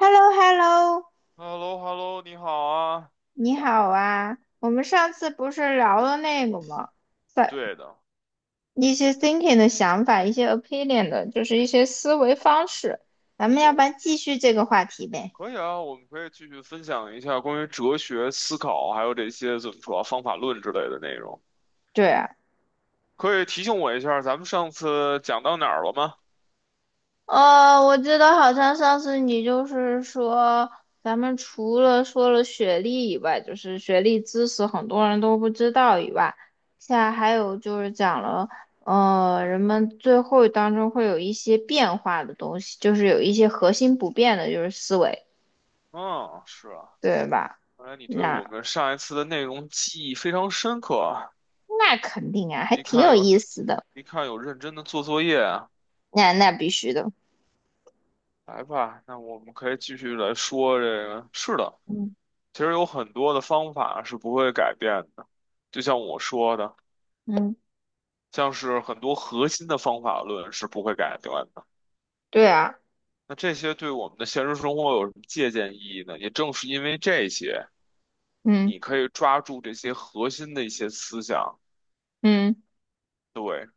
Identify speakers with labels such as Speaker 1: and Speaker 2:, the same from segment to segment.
Speaker 1: h e l l o h e l l o
Speaker 2: h e l l o h e l l o 你好啊。
Speaker 1: 你好啊！我们上次不是聊了那个吗？在
Speaker 2: 对的，
Speaker 1: 一
Speaker 2: 我
Speaker 1: 些
Speaker 2: 们
Speaker 1: thinking 的想法，一些 opinion 的，就是一些思维方式。咱
Speaker 2: 不
Speaker 1: 们
Speaker 2: 错
Speaker 1: 要不然
Speaker 2: 误。
Speaker 1: 继续这个话题呗？
Speaker 2: 可以啊，我们可以继续分享一下关于哲学思考，还有这些怎么说啊方法论之类的内容。
Speaker 1: 对啊，
Speaker 2: 可以提醒我一下，咱们上次讲到哪儿了吗？
Speaker 1: 哦，我记得好像上次你就是说，咱们除了说了学历以外，就是学历知识很多人都不知道以外，现在还有就是讲了，人们最后当中会有一些变化的东西，就是有一些核心不变的，就是思维，
Speaker 2: 嗯，是啊，
Speaker 1: 对吧？
Speaker 2: 看来你对
Speaker 1: 那
Speaker 2: 我们上一次的内容记忆非常深刻啊。
Speaker 1: 那肯定啊，还
Speaker 2: 一
Speaker 1: 挺
Speaker 2: 看
Speaker 1: 有
Speaker 2: 有，
Speaker 1: 意思的。
Speaker 2: 一看有认真的做作业啊。
Speaker 1: 那必须的，
Speaker 2: 来吧，那我们可以继续来说这个。是的，
Speaker 1: 嗯
Speaker 2: 其实有很多的方法是不会改变的，就像我说的。
Speaker 1: 嗯，
Speaker 2: 像是很多核心的方法论是不会改变的。
Speaker 1: 对啊，
Speaker 2: 那这些对我们的现实生活有什么借鉴意义呢？也正是因为这些，
Speaker 1: 嗯
Speaker 2: 你可以抓住这些核心的一些思想，
Speaker 1: 嗯，
Speaker 2: 对，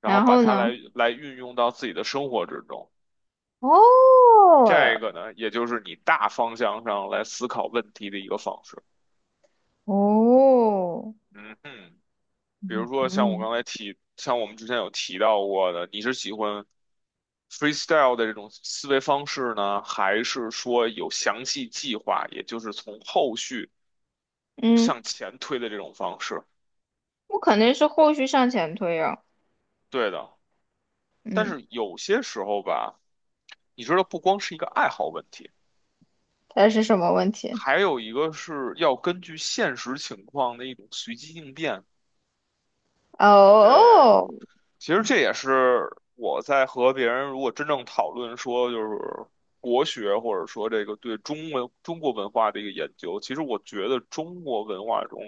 Speaker 2: 然后
Speaker 1: 然
Speaker 2: 把
Speaker 1: 后
Speaker 2: 它来
Speaker 1: 呢？
Speaker 2: 来运用到自己的生活之中。
Speaker 1: 哦，
Speaker 2: 这个呢，也就是你大方向上来思考问题的一个方式。
Speaker 1: 哦，
Speaker 2: 嗯哼。比如
Speaker 1: 嗯
Speaker 2: 说像我
Speaker 1: 嗯，
Speaker 2: 刚才提，像我们之前有提到过的，你是喜欢 freestyle 的这种思维方式呢，还是说有详细计划，也就是从后续
Speaker 1: 嗯，
Speaker 2: 向前推的这种方式？
Speaker 1: 我肯定是后续向前推啊。
Speaker 2: 对的，但
Speaker 1: 嗯，
Speaker 2: 是有些时候吧，你知道，不光是一个爱好问题，
Speaker 1: 它是什么问题？
Speaker 2: 还有一个是要根据现实情况的一种随机应变。对，
Speaker 1: 哦，
Speaker 2: 其实这也是我在和别人如果真正讨论说就是国学或者说这个对中文中国文化的一个研究，其实我觉得中国文化中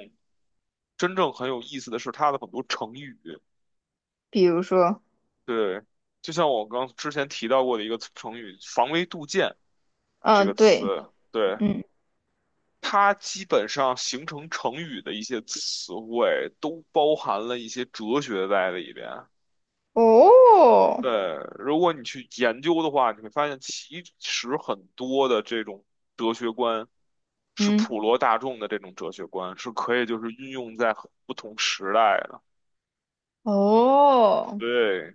Speaker 2: 真正很有意思的是它的很多成语，
Speaker 1: 比如说，
Speaker 2: 对，就像我刚之前提到过的一个词成语"防微杜渐"这
Speaker 1: 嗯，
Speaker 2: 个词，
Speaker 1: 对，
Speaker 2: 对，
Speaker 1: 嗯，
Speaker 2: 它基本上形成成语的一些词汇都包含了一些哲学在里边。
Speaker 1: 哦，
Speaker 2: 对，如果你去研究的话，你会发现其实很多的这种哲学观是
Speaker 1: 嗯，
Speaker 2: 普罗大众的这种哲学观，是可以就是运用在很不同时代的。
Speaker 1: 哦，
Speaker 2: 对，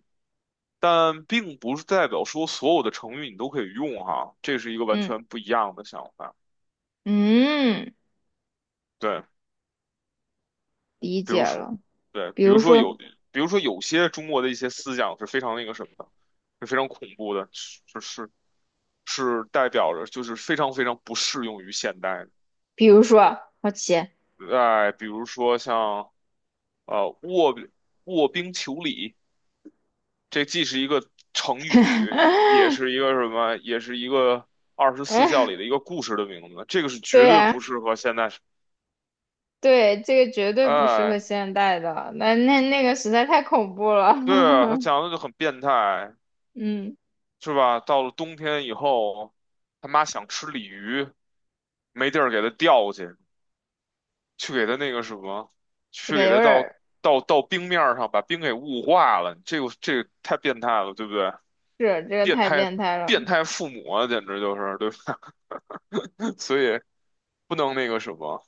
Speaker 2: 但并不是代表说所有的成语你都可以用哈，这是一个完
Speaker 1: 嗯
Speaker 2: 全不一样的想法。
Speaker 1: 嗯，
Speaker 2: 对，
Speaker 1: 理
Speaker 2: 比
Speaker 1: 解
Speaker 2: 如说，
Speaker 1: 了。
Speaker 2: 对，
Speaker 1: 比
Speaker 2: 比如
Speaker 1: 如
Speaker 2: 说有，
Speaker 1: 说，
Speaker 2: 比如说有些中国的一些思想是非常那个什么的，是非常恐怖的，是是代表着就是非常非常不适用于现代的。
Speaker 1: 比如说啊，好奇，
Speaker 2: 哎，比如说像呃卧卧冰求鲤，这既是一个成语，也 是一个什么，也是一个24孝
Speaker 1: 嗯，
Speaker 2: 里的一个故事的名字。这个是绝
Speaker 1: 对
Speaker 2: 对
Speaker 1: 啊，
Speaker 2: 不适合现在。
Speaker 1: 对，这个绝对不适合
Speaker 2: 哎，
Speaker 1: 现代的，那那个实在太恐怖了。
Speaker 2: 对啊，他讲 的就很变态，
Speaker 1: 嗯，
Speaker 2: 是吧？到了冬天以后，他妈想吃鲤鱼，没地儿给他钓去，去给他那个什么，
Speaker 1: 这
Speaker 2: 去
Speaker 1: 个
Speaker 2: 给
Speaker 1: 有
Speaker 2: 他
Speaker 1: 点
Speaker 2: 到
Speaker 1: 儿。
Speaker 2: 到到冰面儿上，把冰给雾化了，这个太变态了，对不对？
Speaker 1: 是这个
Speaker 2: 变
Speaker 1: 太
Speaker 2: 态
Speaker 1: 变态了，
Speaker 2: 变态父母啊，简直就是，对吧？所以不能那个什么，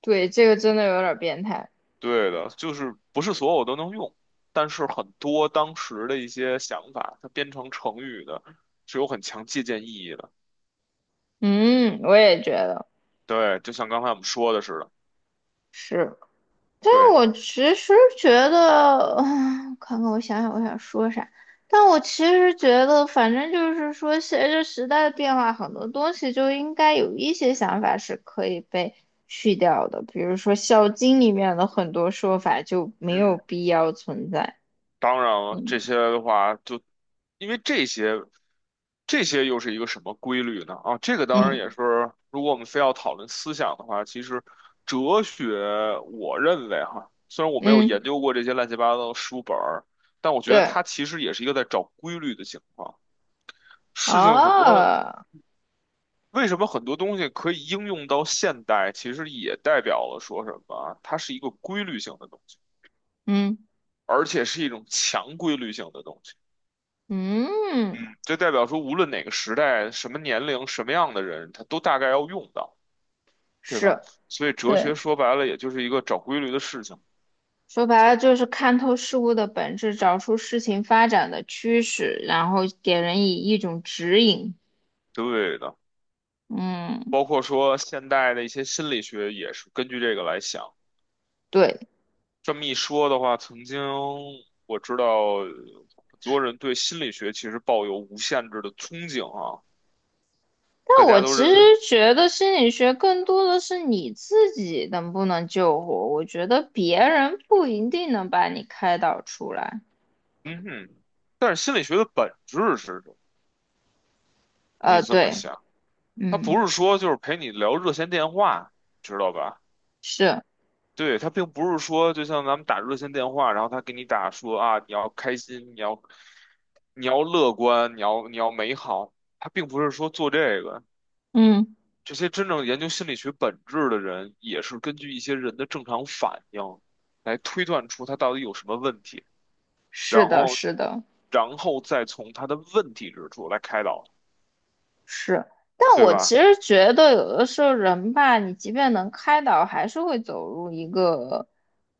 Speaker 1: 对，这个真的有点儿变态。
Speaker 2: 对的，就是不是所有都能用，但是很多当时的一些想法，它编成成语的，是有很强借鉴意义的。
Speaker 1: 嗯，我也觉得
Speaker 2: 对，就像刚才我们说的似的，
Speaker 1: 是。但
Speaker 2: 对，
Speaker 1: 我其实觉得，看看我想想我想说啥。但我其实觉得，反正就是说，随着时代的变化，很多东西就应该有一些想法是可以被去掉的。比如说《孝经》里面的很多说法就没有
Speaker 2: 嗯。
Speaker 1: 必要存在。
Speaker 2: 当然了，
Speaker 1: 嗯
Speaker 2: 这些的话就，因为这些，这些又是一个什么规律呢？啊，这个当然
Speaker 1: 嗯
Speaker 2: 也是，如果我们非要讨论思想的话，其实哲学，我认为哈，虽然我没有
Speaker 1: 嗯，
Speaker 2: 研究过这些乱七八糟的书本儿，但我觉得
Speaker 1: 对，
Speaker 2: 它其实也是一个在找规律的情况。事情很多，
Speaker 1: 啊，
Speaker 2: 为什么很多东西可以应用到现代，其实也代表了说什么啊？它是一个规律性的东西，
Speaker 1: 嗯
Speaker 2: 而且是一种强规律性的东西。
Speaker 1: 嗯，
Speaker 2: 这代表说，无论哪个时代、什么年龄、什么样的人，他都大概要用到，对吧？
Speaker 1: 是。
Speaker 2: 所以哲
Speaker 1: 对，
Speaker 2: 学说白了，也就是一个找规律的事情。
Speaker 1: 说白了就是看透事物的本质，找出事情发展的趋势，然后给人以一种指引。
Speaker 2: 对的，
Speaker 1: 嗯，
Speaker 2: 包括说现代的一些心理学也是根据这个来想。
Speaker 1: 对。
Speaker 2: 这么一说的话，曾经我知道呃很多人对心理学其实抱有无限制的憧憬啊，大
Speaker 1: 但我
Speaker 2: 家都
Speaker 1: 其实
Speaker 2: 认为，
Speaker 1: 觉得心理学更多的是你自己能不能救活，我觉得别人不一定能把你开导出来。
Speaker 2: 嗯哼。但是心理学的本质是什么你可以这么
Speaker 1: 对，
Speaker 2: 想，它不
Speaker 1: 嗯，
Speaker 2: 是说就是陪你聊热线电话，知道吧？
Speaker 1: 是，
Speaker 2: 对，他并不是说，就像咱们打热线电话，然后他给你打说啊，你要开心，你要乐观，你要美好，他并不是说做这个。
Speaker 1: 嗯，
Speaker 2: 这些真正研究心理学本质的人，也是根据一些人的正常反应来推断出他到底有什么问题，
Speaker 1: 是
Speaker 2: 然
Speaker 1: 的，
Speaker 2: 后
Speaker 1: 是的。
Speaker 2: 再从他的问题之处来开导，
Speaker 1: 是，但
Speaker 2: 对
Speaker 1: 我
Speaker 2: 吧？
Speaker 1: 其实觉得有的时候人吧，你即便能开导，还是会走入一个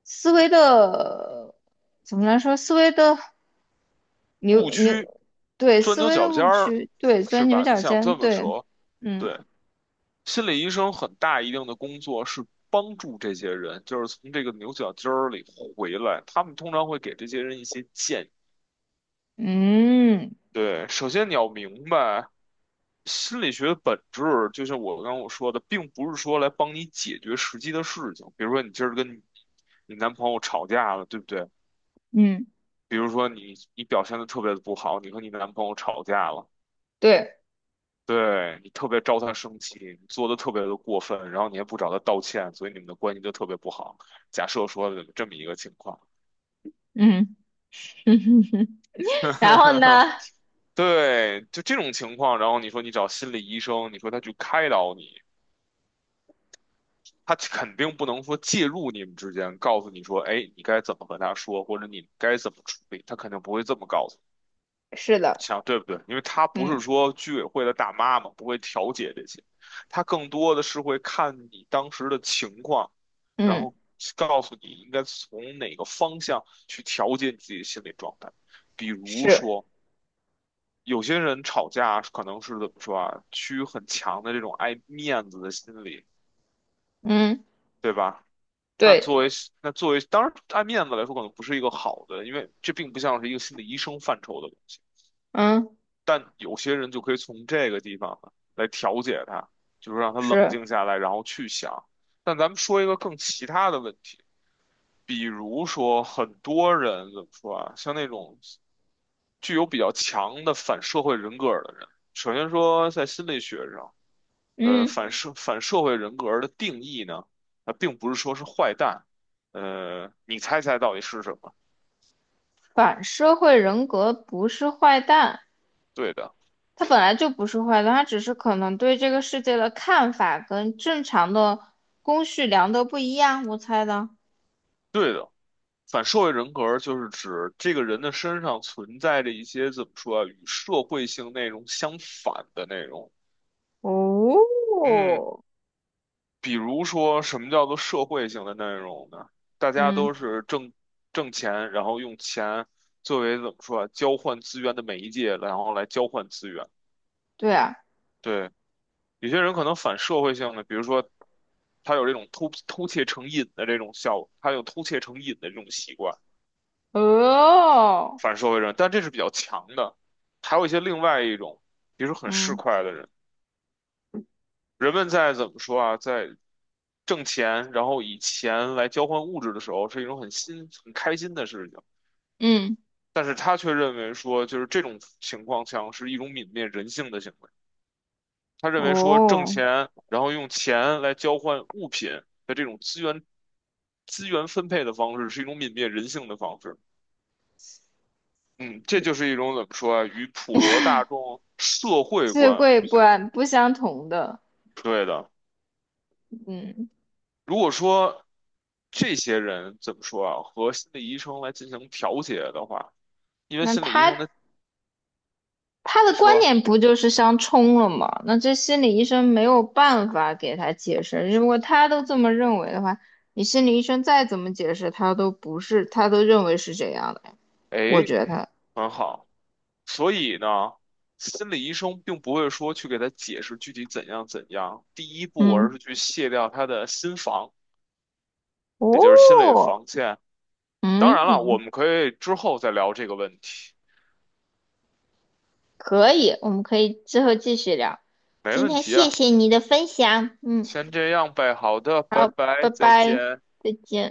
Speaker 1: 思维的，怎么来说，思维的
Speaker 2: 误
Speaker 1: 牛
Speaker 2: 区、
Speaker 1: 牛，对，
Speaker 2: 钻
Speaker 1: 思
Speaker 2: 牛
Speaker 1: 维
Speaker 2: 角
Speaker 1: 的
Speaker 2: 尖
Speaker 1: 误
Speaker 2: 儿，
Speaker 1: 区，对，
Speaker 2: 是
Speaker 1: 钻牛
Speaker 2: 吧？你
Speaker 1: 角
Speaker 2: 想
Speaker 1: 尖，
Speaker 2: 这么
Speaker 1: 对，
Speaker 2: 说，
Speaker 1: 嗯
Speaker 2: 对。心理医生很大一定的工作是帮助这些人，就是从这个牛角尖儿里回来。他们通常会给这些人一些建议。
Speaker 1: 嗯
Speaker 2: 对，首先你要明白，心理学的本质，就像我刚刚说的，并不是说来帮你解决实际的事情。比如说，你今儿跟你男朋友吵架了，对不对？
Speaker 1: 嗯，
Speaker 2: 比如说你表现的特别的不好，你和你男朋友吵架了。
Speaker 1: 对，
Speaker 2: 对，你特别招他生气，你做的特别的过分，然后你也不找他道歉，所以你们的关系就特别不好。假设说的这么一个情况，
Speaker 1: 嗯，然后 呢，
Speaker 2: 对，就这种情况，然后你说你找心理医生，你说他去开导你，他肯定不能说介入你们之间，告诉你说，哎，你该怎么和他说，或者你该怎么处理，他肯定不会这么告诉你
Speaker 1: 是的，
Speaker 2: 想对不对？因为他不
Speaker 1: 嗯
Speaker 2: 是说居委会的大妈嘛，不会调解这些，他更多的是会看你当时的情况，然
Speaker 1: 嗯
Speaker 2: 后告诉你应该从哪个方向去调节你自己的心理状态。比如
Speaker 1: 是，
Speaker 2: 说，有些人吵架可能是怎么说啊，趋于很强的这种爱面子的心理，
Speaker 1: 嗯
Speaker 2: 对吧？那
Speaker 1: 对，
Speaker 2: 作为那作为，当然爱面子来说，可能不是一个好的，因为这并不像是一个心理医生范畴的。东西。
Speaker 1: 嗯
Speaker 2: 但有些人就可以从这个地方呢来调节他，就是让他冷
Speaker 1: 是，
Speaker 2: 静下来，然后去想。但咱们说一个更其他的问题，比如说很多人怎么说啊，像那种具有比较强的反社会人格的人，首先说在心理学上，呃，
Speaker 1: 嗯，
Speaker 2: 反社会人格的定义呢，它并不是说是坏蛋，呃，你猜猜到底是什么？
Speaker 1: 反社会人格不是坏蛋。
Speaker 2: 对的，
Speaker 1: 他本来就不是坏的，他只是可能对这个世界的看法跟正常的公序良德不一样，我猜的。
Speaker 2: 对的。反社会人格就是指这个人的身上存在着一些怎么说啊，与社会性内容相反的内容。嗯，
Speaker 1: 哦，
Speaker 2: 比如说什么叫做社会性的内容呢？大家
Speaker 1: 嗯，
Speaker 2: 都是挣钱，然后用钱作为怎么说啊，交换资源的媒介，然后来交换资源。
Speaker 1: 对啊，
Speaker 2: 对，有些人可能反社会性的，比如说他有这种偷窃成瘾的这种习惯。
Speaker 1: 哦，
Speaker 2: 反社会人，但这是比较强的。还有一些另外一种，比如说很市
Speaker 1: 嗯
Speaker 2: 侩的人，人们在怎么说啊，在挣钱，然后以钱来交换物质的时候，是一种很新、很开心的事情。
Speaker 1: 嗯，
Speaker 2: 但是他却认为说，就是这种情况像是一种泯灭人性的行为。他认为说，挣
Speaker 1: 哦，
Speaker 2: 钱，然后用钱来交换物品的这种资源分配的方式，是一种泯灭人性的方式。嗯，这就是一种怎么说啊，与普罗大众社会
Speaker 1: 智
Speaker 2: 观
Speaker 1: 慧
Speaker 2: 不
Speaker 1: 不
Speaker 2: 相
Speaker 1: 相同的，
Speaker 2: 对的。
Speaker 1: 嗯，
Speaker 2: 如果说这些人怎么说啊，和心理医生来进行调节的话，因为
Speaker 1: 那
Speaker 2: 心理医
Speaker 1: 他
Speaker 2: 生的
Speaker 1: 他的
Speaker 2: 你
Speaker 1: 观
Speaker 2: 说，
Speaker 1: 点不就是相冲了吗？那这心理医生没有办法给他解释。如果他都这么认为的话，你心理医生再怎么解释，他都不是，他都认为是这样的。我
Speaker 2: 哎，
Speaker 1: 觉得，
Speaker 2: 很好，所以呢，心理医生并不会说去给他解释具体怎样怎样，第一步而
Speaker 1: 嗯，
Speaker 2: 是去卸掉他的心防，也就是心理
Speaker 1: 哦，
Speaker 2: 防线。当
Speaker 1: 嗯，
Speaker 2: 然了，我们可以之后再聊这个问题，
Speaker 1: 可以，我们可以之后继续聊。
Speaker 2: 没
Speaker 1: 今
Speaker 2: 问
Speaker 1: 天
Speaker 2: 题
Speaker 1: 谢
Speaker 2: 啊。
Speaker 1: 谢你的分享，嗯，
Speaker 2: 先这样呗，好的，拜
Speaker 1: 好，
Speaker 2: 拜，
Speaker 1: 拜
Speaker 2: 再
Speaker 1: 拜。
Speaker 2: 见。
Speaker 1: 再见。